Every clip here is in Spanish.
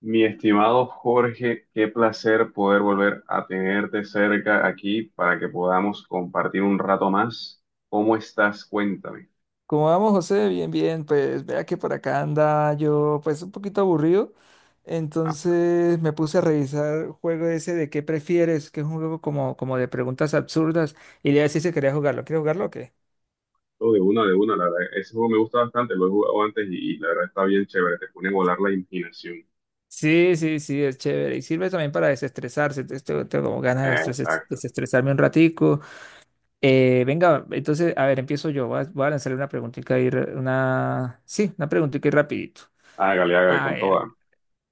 Mi estimado Jorge, qué placer poder volver a tenerte cerca aquí para que podamos compartir un rato más. ¿Cómo estás? Cuéntame. ¿Cómo vamos, José? Bien, pues vea que por acá anda yo pues un poquito aburrido, Ah, entonces me puse a revisar juego ese de qué prefieres, que es un juego como de preguntas absurdas y le decía si quería jugarlo. ¿Quieres jugarlo o qué? todo de una, la verdad. Ese juego me gusta bastante, lo he jugado antes y la verdad está bien chévere, te pone a volar la imaginación. Sí, es chévere y sirve también para desestresarse, entonces tengo como ganas de Exacto. desestresarme un ratico. Venga, entonces, a ver, empiezo yo, voy a lanzarle una preguntita ahí, una preguntita ahí rapidito. Hágale, hágale A con ver. toda.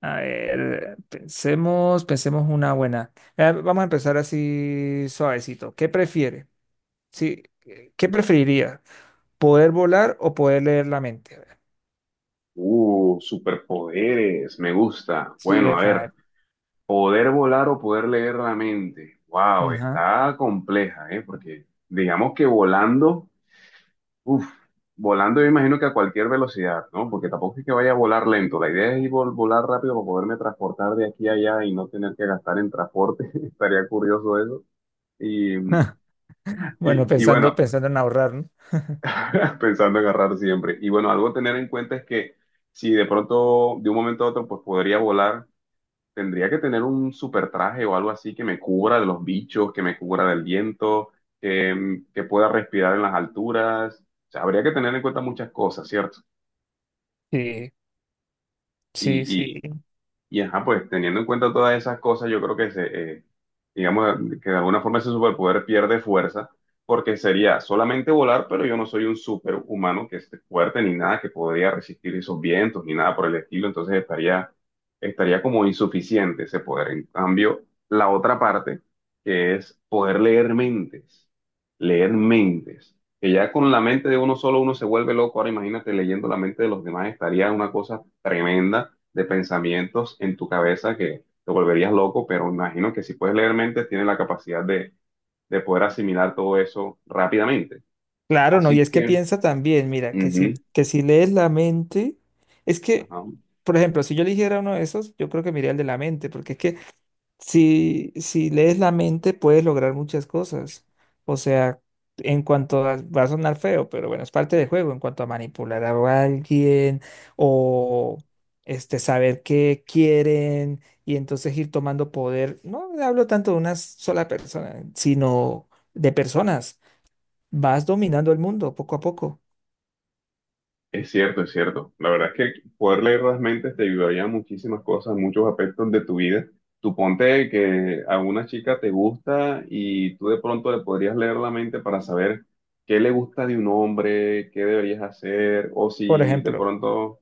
A ver, pensemos una buena. Vamos a empezar así suavecito. ¿Qué prefiere? Sí, ¿qué preferiría? ¿Poder volar o poder leer la mente? A ver. Superpoderes, me gusta. Sí, Bueno, a epa, ver, poder volar o poder leer la mente. Wow, ajá. está compleja, ¿eh? Porque digamos que volando. Uf, volando yo imagino que a cualquier velocidad, ¿no? Porque tampoco es que vaya a volar lento. La idea es ir volar rápido para poderme transportar de aquí a allá y no tener que gastar en transporte. Estaría curioso eso. Y, Bueno, y, y bueno, pensando en ahorrar, ¿no? pensando en agarrar siempre. Y bueno, algo a tener en cuenta es que si de pronto, de un momento a otro, pues podría volar, tendría que tener un super traje o algo así que me cubra de los bichos, que me cubra del viento, que pueda respirar en las alturas. O sea, habría que tener en cuenta muchas cosas, ¿cierto? Sí, sí, sí. y, Y ajá, pues teniendo en cuenta todas esas cosas, yo creo eh, digamos, que de alguna forma ese superpoder pierde fuerza, porque sería solamente volar, pero yo no soy un superhumano que esté fuerte ni nada, que podría resistir esos vientos ni nada por el estilo, entonces estaría como insuficiente ese poder. En cambio, la otra parte, que es poder leer mentes, que ya con la mente de uno solo uno se vuelve loco, ahora imagínate leyendo la mente de los demás, estaría una cosa tremenda de pensamientos en tu cabeza que te volverías loco, pero imagino que si puedes leer mente, tienes la capacidad de poder asimilar todo eso rápidamente. Claro, no, Así y es que que, piensa también, mira, ujú, que si lees la mente, es que, ajá, por ejemplo, si yo eligiera uno de esos, yo creo que me iría el de la mente, porque es que si, si lees la mente, puedes lograr muchas cosas. O sea, en cuanto a, va a sonar feo, pero bueno, es parte del juego. En cuanto a manipular a alguien o este, saber qué quieren y entonces ir tomando poder. No hablo tanto de una sola persona, sino de personas. Vas dominando el mundo poco a poco. es cierto, es cierto. La verdad es que poder leer las mentes te ayudaría en muchísimas cosas, en muchos aspectos de tu vida. Tú ponte que a una chica te gusta y tú de pronto le podrías leer la mente para saber qué le gusta de un hombre, qué deberías hacer, Por ejemplo.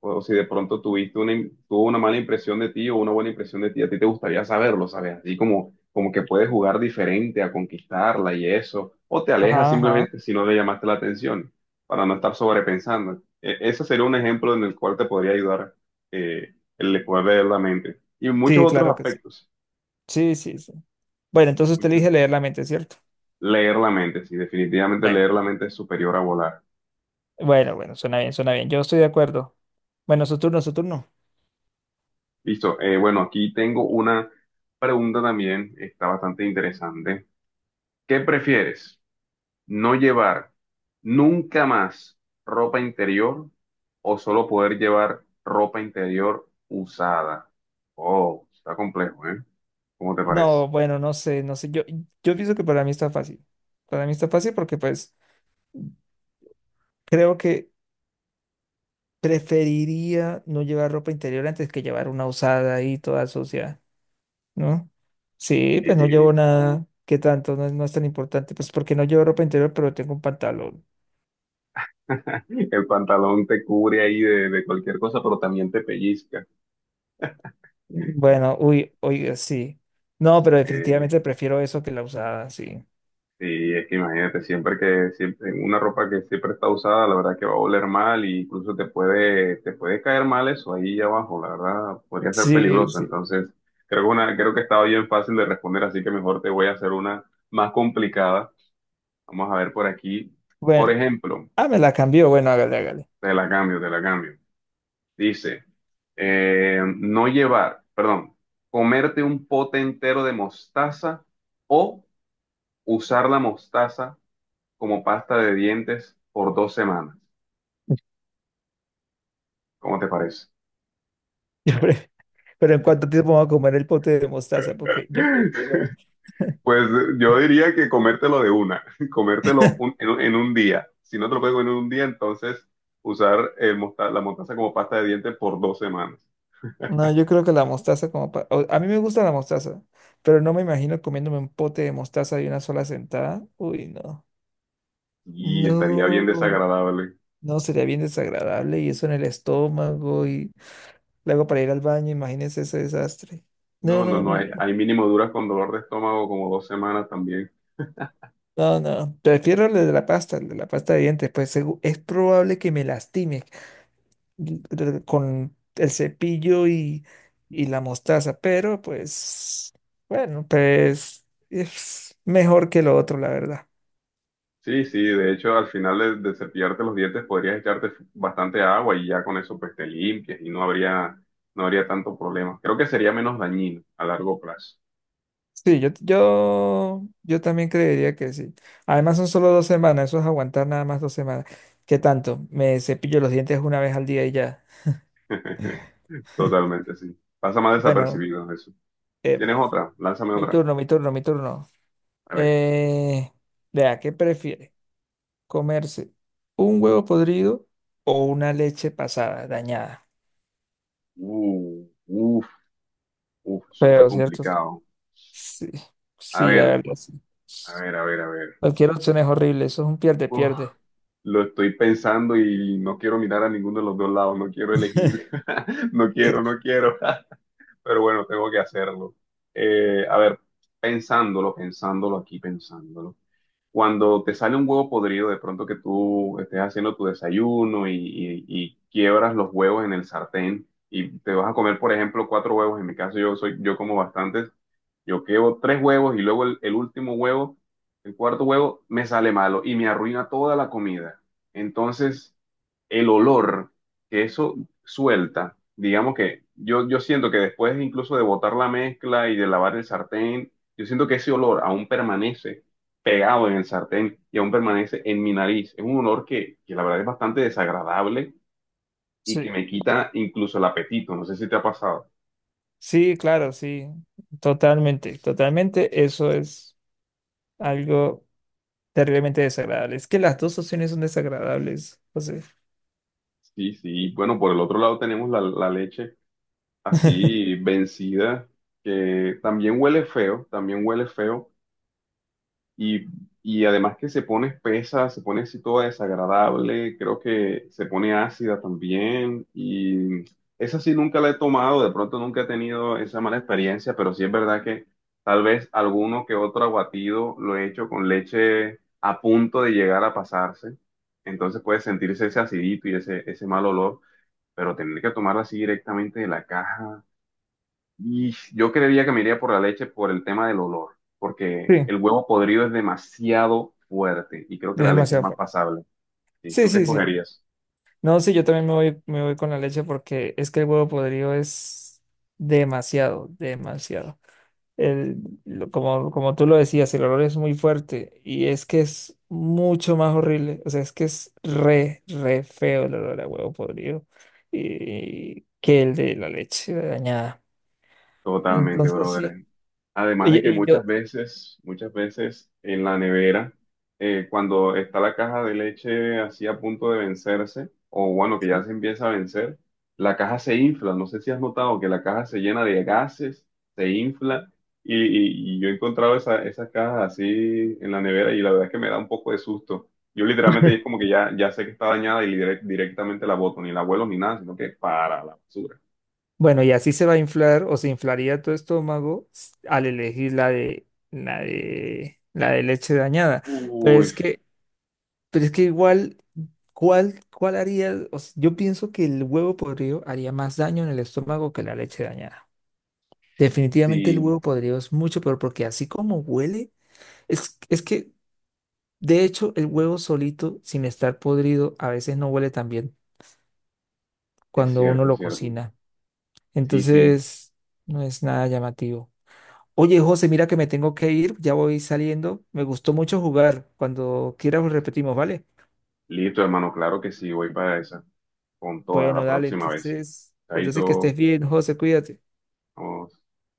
o si de pronto tuvo una mala impresión de ti o una buena impresión de ti, a ti te gustaría saberlo, ¿sabes? Así como que puedes jugar diferente a conquistarla y eso, o te alejas Ajá, ajá. simplemente si no le llamaste la atención, para no estar sobrepensando. Ese sería un ejemplo en el cual te podría ayudar el de poder leer la mente. Y muchos Sí, otros claro que sí. aspectos, Sí, sí, sí. Bueno, entonces te muchos- dije leer la mente, ¿cierto? leer la mente, sí, definitivamente Bueno. leer la mente es superior a volar. Bueno, bueno, suena bien, suena bien. Yo estoy de acuerdo. Bueno, su turno. Listo, bueno, aquí tengo una pregunta también, está bastante interesante. ¿Qué prefieres? No llevar nunca más ropa interior o solo poder llevar ropa interior usada. Oh, está complejo, ¿eh? ¿Cómo te parece? No, bueno, no sé, no sé. Yo pienso que para mí está fácil. Para mí está fácil porque pues creo que preferiría no llevar ropa interior antes que llevar una usada ahí toda sucia, ¿no? Sí, Sí, pues no sí. llevo nada. ¿Qué tanto? No es tan importante. Pues porque no llevo ropa interior, pero tengo un pantalón. El pantalón te cubre ahí de cualquier cosa, pero también te pellizca. Bueno, uy, oiga, sí. No, pero Eh, definitivamente prefiero eso que la usada, sí. Sí, es que imagínate, siempre, una ropa que siempre está usada, la verdad que va a oler mal y incluso te puede caer mal eso ahí abajo, la verdad, podría ser Sí, peligroso. sí. Entonces, creo que estaba bien fácil de responder, así que mejor te voy a hacer una más complicada. Vamos a ver por aquí. Por Bueno, ejemplo, ah, me la cambió. Bueno, hágale. te la cambio, te la cambio. Dice, no llevar, perdón, comerte un pote entero de mostaza o usar la mostaza como pasta de dientes por dos semanas. ¿Cómo te parece? Yo pre- Pero ¿en cuánto tiempo vamos a comer el pote de mostaza? Porque yo prefiero. Pues yo diría que comértelo de una, comértelo un- en, un en un día. Si no te lo puedes comer en un día, entonces usar el la mostaza como pasta de dientes por dos semanas. No, yo creo que la mostaza como pa- o- a mí me gusta la mostaza, pero no me imagino comiéndome un pote de mostaza de una sola sentada. Uy, no. Y estaría bien No, desagradable. no, sería bien desagradable y eso en el estómago y luego para ir al baño, imagínense ese desastre. No, No, no, no, no, no, no. hay mínimo duras con dolor de estómago como dos semanas también. No, no. Prefiero el de la pasta, el de la pasta de dientes, pues es probable que me lastime con el cepillo y la mostaza, pero pues, bueno, pues es mejor que lo otro, la verdad. Sí, sí, de hecho al final de cepillarte los dientes podrías echarte bastante agua y ya con eso pues te limpias y no habría tanto problema. Creo que sería menos dañino a largo plazo. Sí, yo también creería que sí. Además son solo dos semanas, eso es aguantar nada más dos semanas. ¿Qué tanto? Me cepillo los dientes una vez al día y ya. Totalmente, sí. Pasa más Bueno, desapercibido eso. ¿Tienes epa, otra? Lánzame mi otra. turno, mi turno, mi turno. Vale. Eh, Vea, ¿qué prefiere? ¿Comerse un huevo podrido o una leche pasada, dañada? Uh, uf, uf, eso está Pero, ¿cierto? complicado. Sí, A sí, la ver, verdad, sí. a ver, a ver, a ver. Cualquier opción es horrible, eso es un Uf, pierde-pierde. lo estoy pensando y no quiero mirar a ninguno de los dos lados, no quiero elegir, no quiero, no quiero. Pero bueno, tengo que hacerlo. A ver, pensándolo, pensándolo aquí, pensándolo. Cuando te sale un huevo podrido, de pronto que tú estés haciendo tu desayuno y quiebras los huevos en el sartén y te vas a comer, por ejemplo, cuatro huevos. En mi caso, yo como bastantes. Yo quebo tres huevos y luego el último huevo, el cuarto huevo, me sale malo y me arruina toda la comida. Entonces el olor que eso suelta, digamos yo siento que después incluso de botar la mezcla y de lavar el sartén, yo siento que ese olor aún permanece pegado en el sartén y aún permanece en mi nariz. Es un olor que la verdad es bastante desagradable y que Sí, me quita incluso el apetito. No sé si te ha pasado. sí, claro, sí, totalmente, totalmente, eso es algo terriblemente desagradable. Es que las dos opciones son desagradables, José. Sí, sí. Bueno, por el otro lado tenemos la leche así vencida, que también huele feo, también huele feo. Y, y además que se pone espesa, se pone así toda desagradable, creo que se pone ácida también. Y esa sí nunca la he tomado, de pronto nunca he tenido esa mala experiencia, pero sí es verdad que tal vez alguno que otro aguatido lo he hecho con leche a punto de llegar a pasarse. Entonces puede sentirse ese acidito y ese mal olor, pero tener que tomarla así directamente de la caja. Y yo creería que me iría por la leche por el tema del olor, Sí, porque es el huevo podrido es demasiado fuerte y creo que la leche es demasiado más fuerte. pasable. ¿Sí? Sí, ¿Tú qué sí, sí. escogerías? No, sí, yo también me voy con la leche porque es que el huevo podrido es demasiado, demasiado. el- Como, como tú lo decías, el olor es muy fuerte y es que es mucho más horrible. O sea, es que es re, re feo el olor a huevo podrido y, que el de la leche dañada. Totalmente, Entonces, sí. brother. Además Y, de que y yo, muchas veces en la nevera, cuando está la caja de leche así a punto de vencerse, o bueno, que ya sí. se empieza a vencer, la caja se infla. No sé si has notado que la caja se llena de gases, se infla, y yo he encontrado esas cajas así en la nevera y la verdad es que me da un poco de susto. Yo literalmente es como que ya, ya sé que está dañada y directamente la boto, ni la vuelo ni nada, sino que para la basura. Bueno, y así se va a inflar o se inflaría tu estómago al elegir la de leche dañada. Pero Uy, es que Pero es que igual, cuál haría? O sea, yo pienso que el huevo podrido haría más daño en el estómago que la leche dañada. Definitivamente el huevo sí. podrido es mucho peor porque así como huele, es que de hecho el huevo solito, sin estar podrido, a veces no huele tan bien Es cuando uno cierto, es lo cierto. cocina. Sí, sí. Entonces, no es nada llamativo. Oye, José, mira que me tengo que ir, ya voy saliendo. Me gustó mucho jugar. Cuando quieras repetimos, ¿vale? Listo, hermano. Claro que sí. Voy para esa. Con toda Bueno, la dale, próxima vez. entonces que estés Chaito. bien, José, cuídate. Vamos.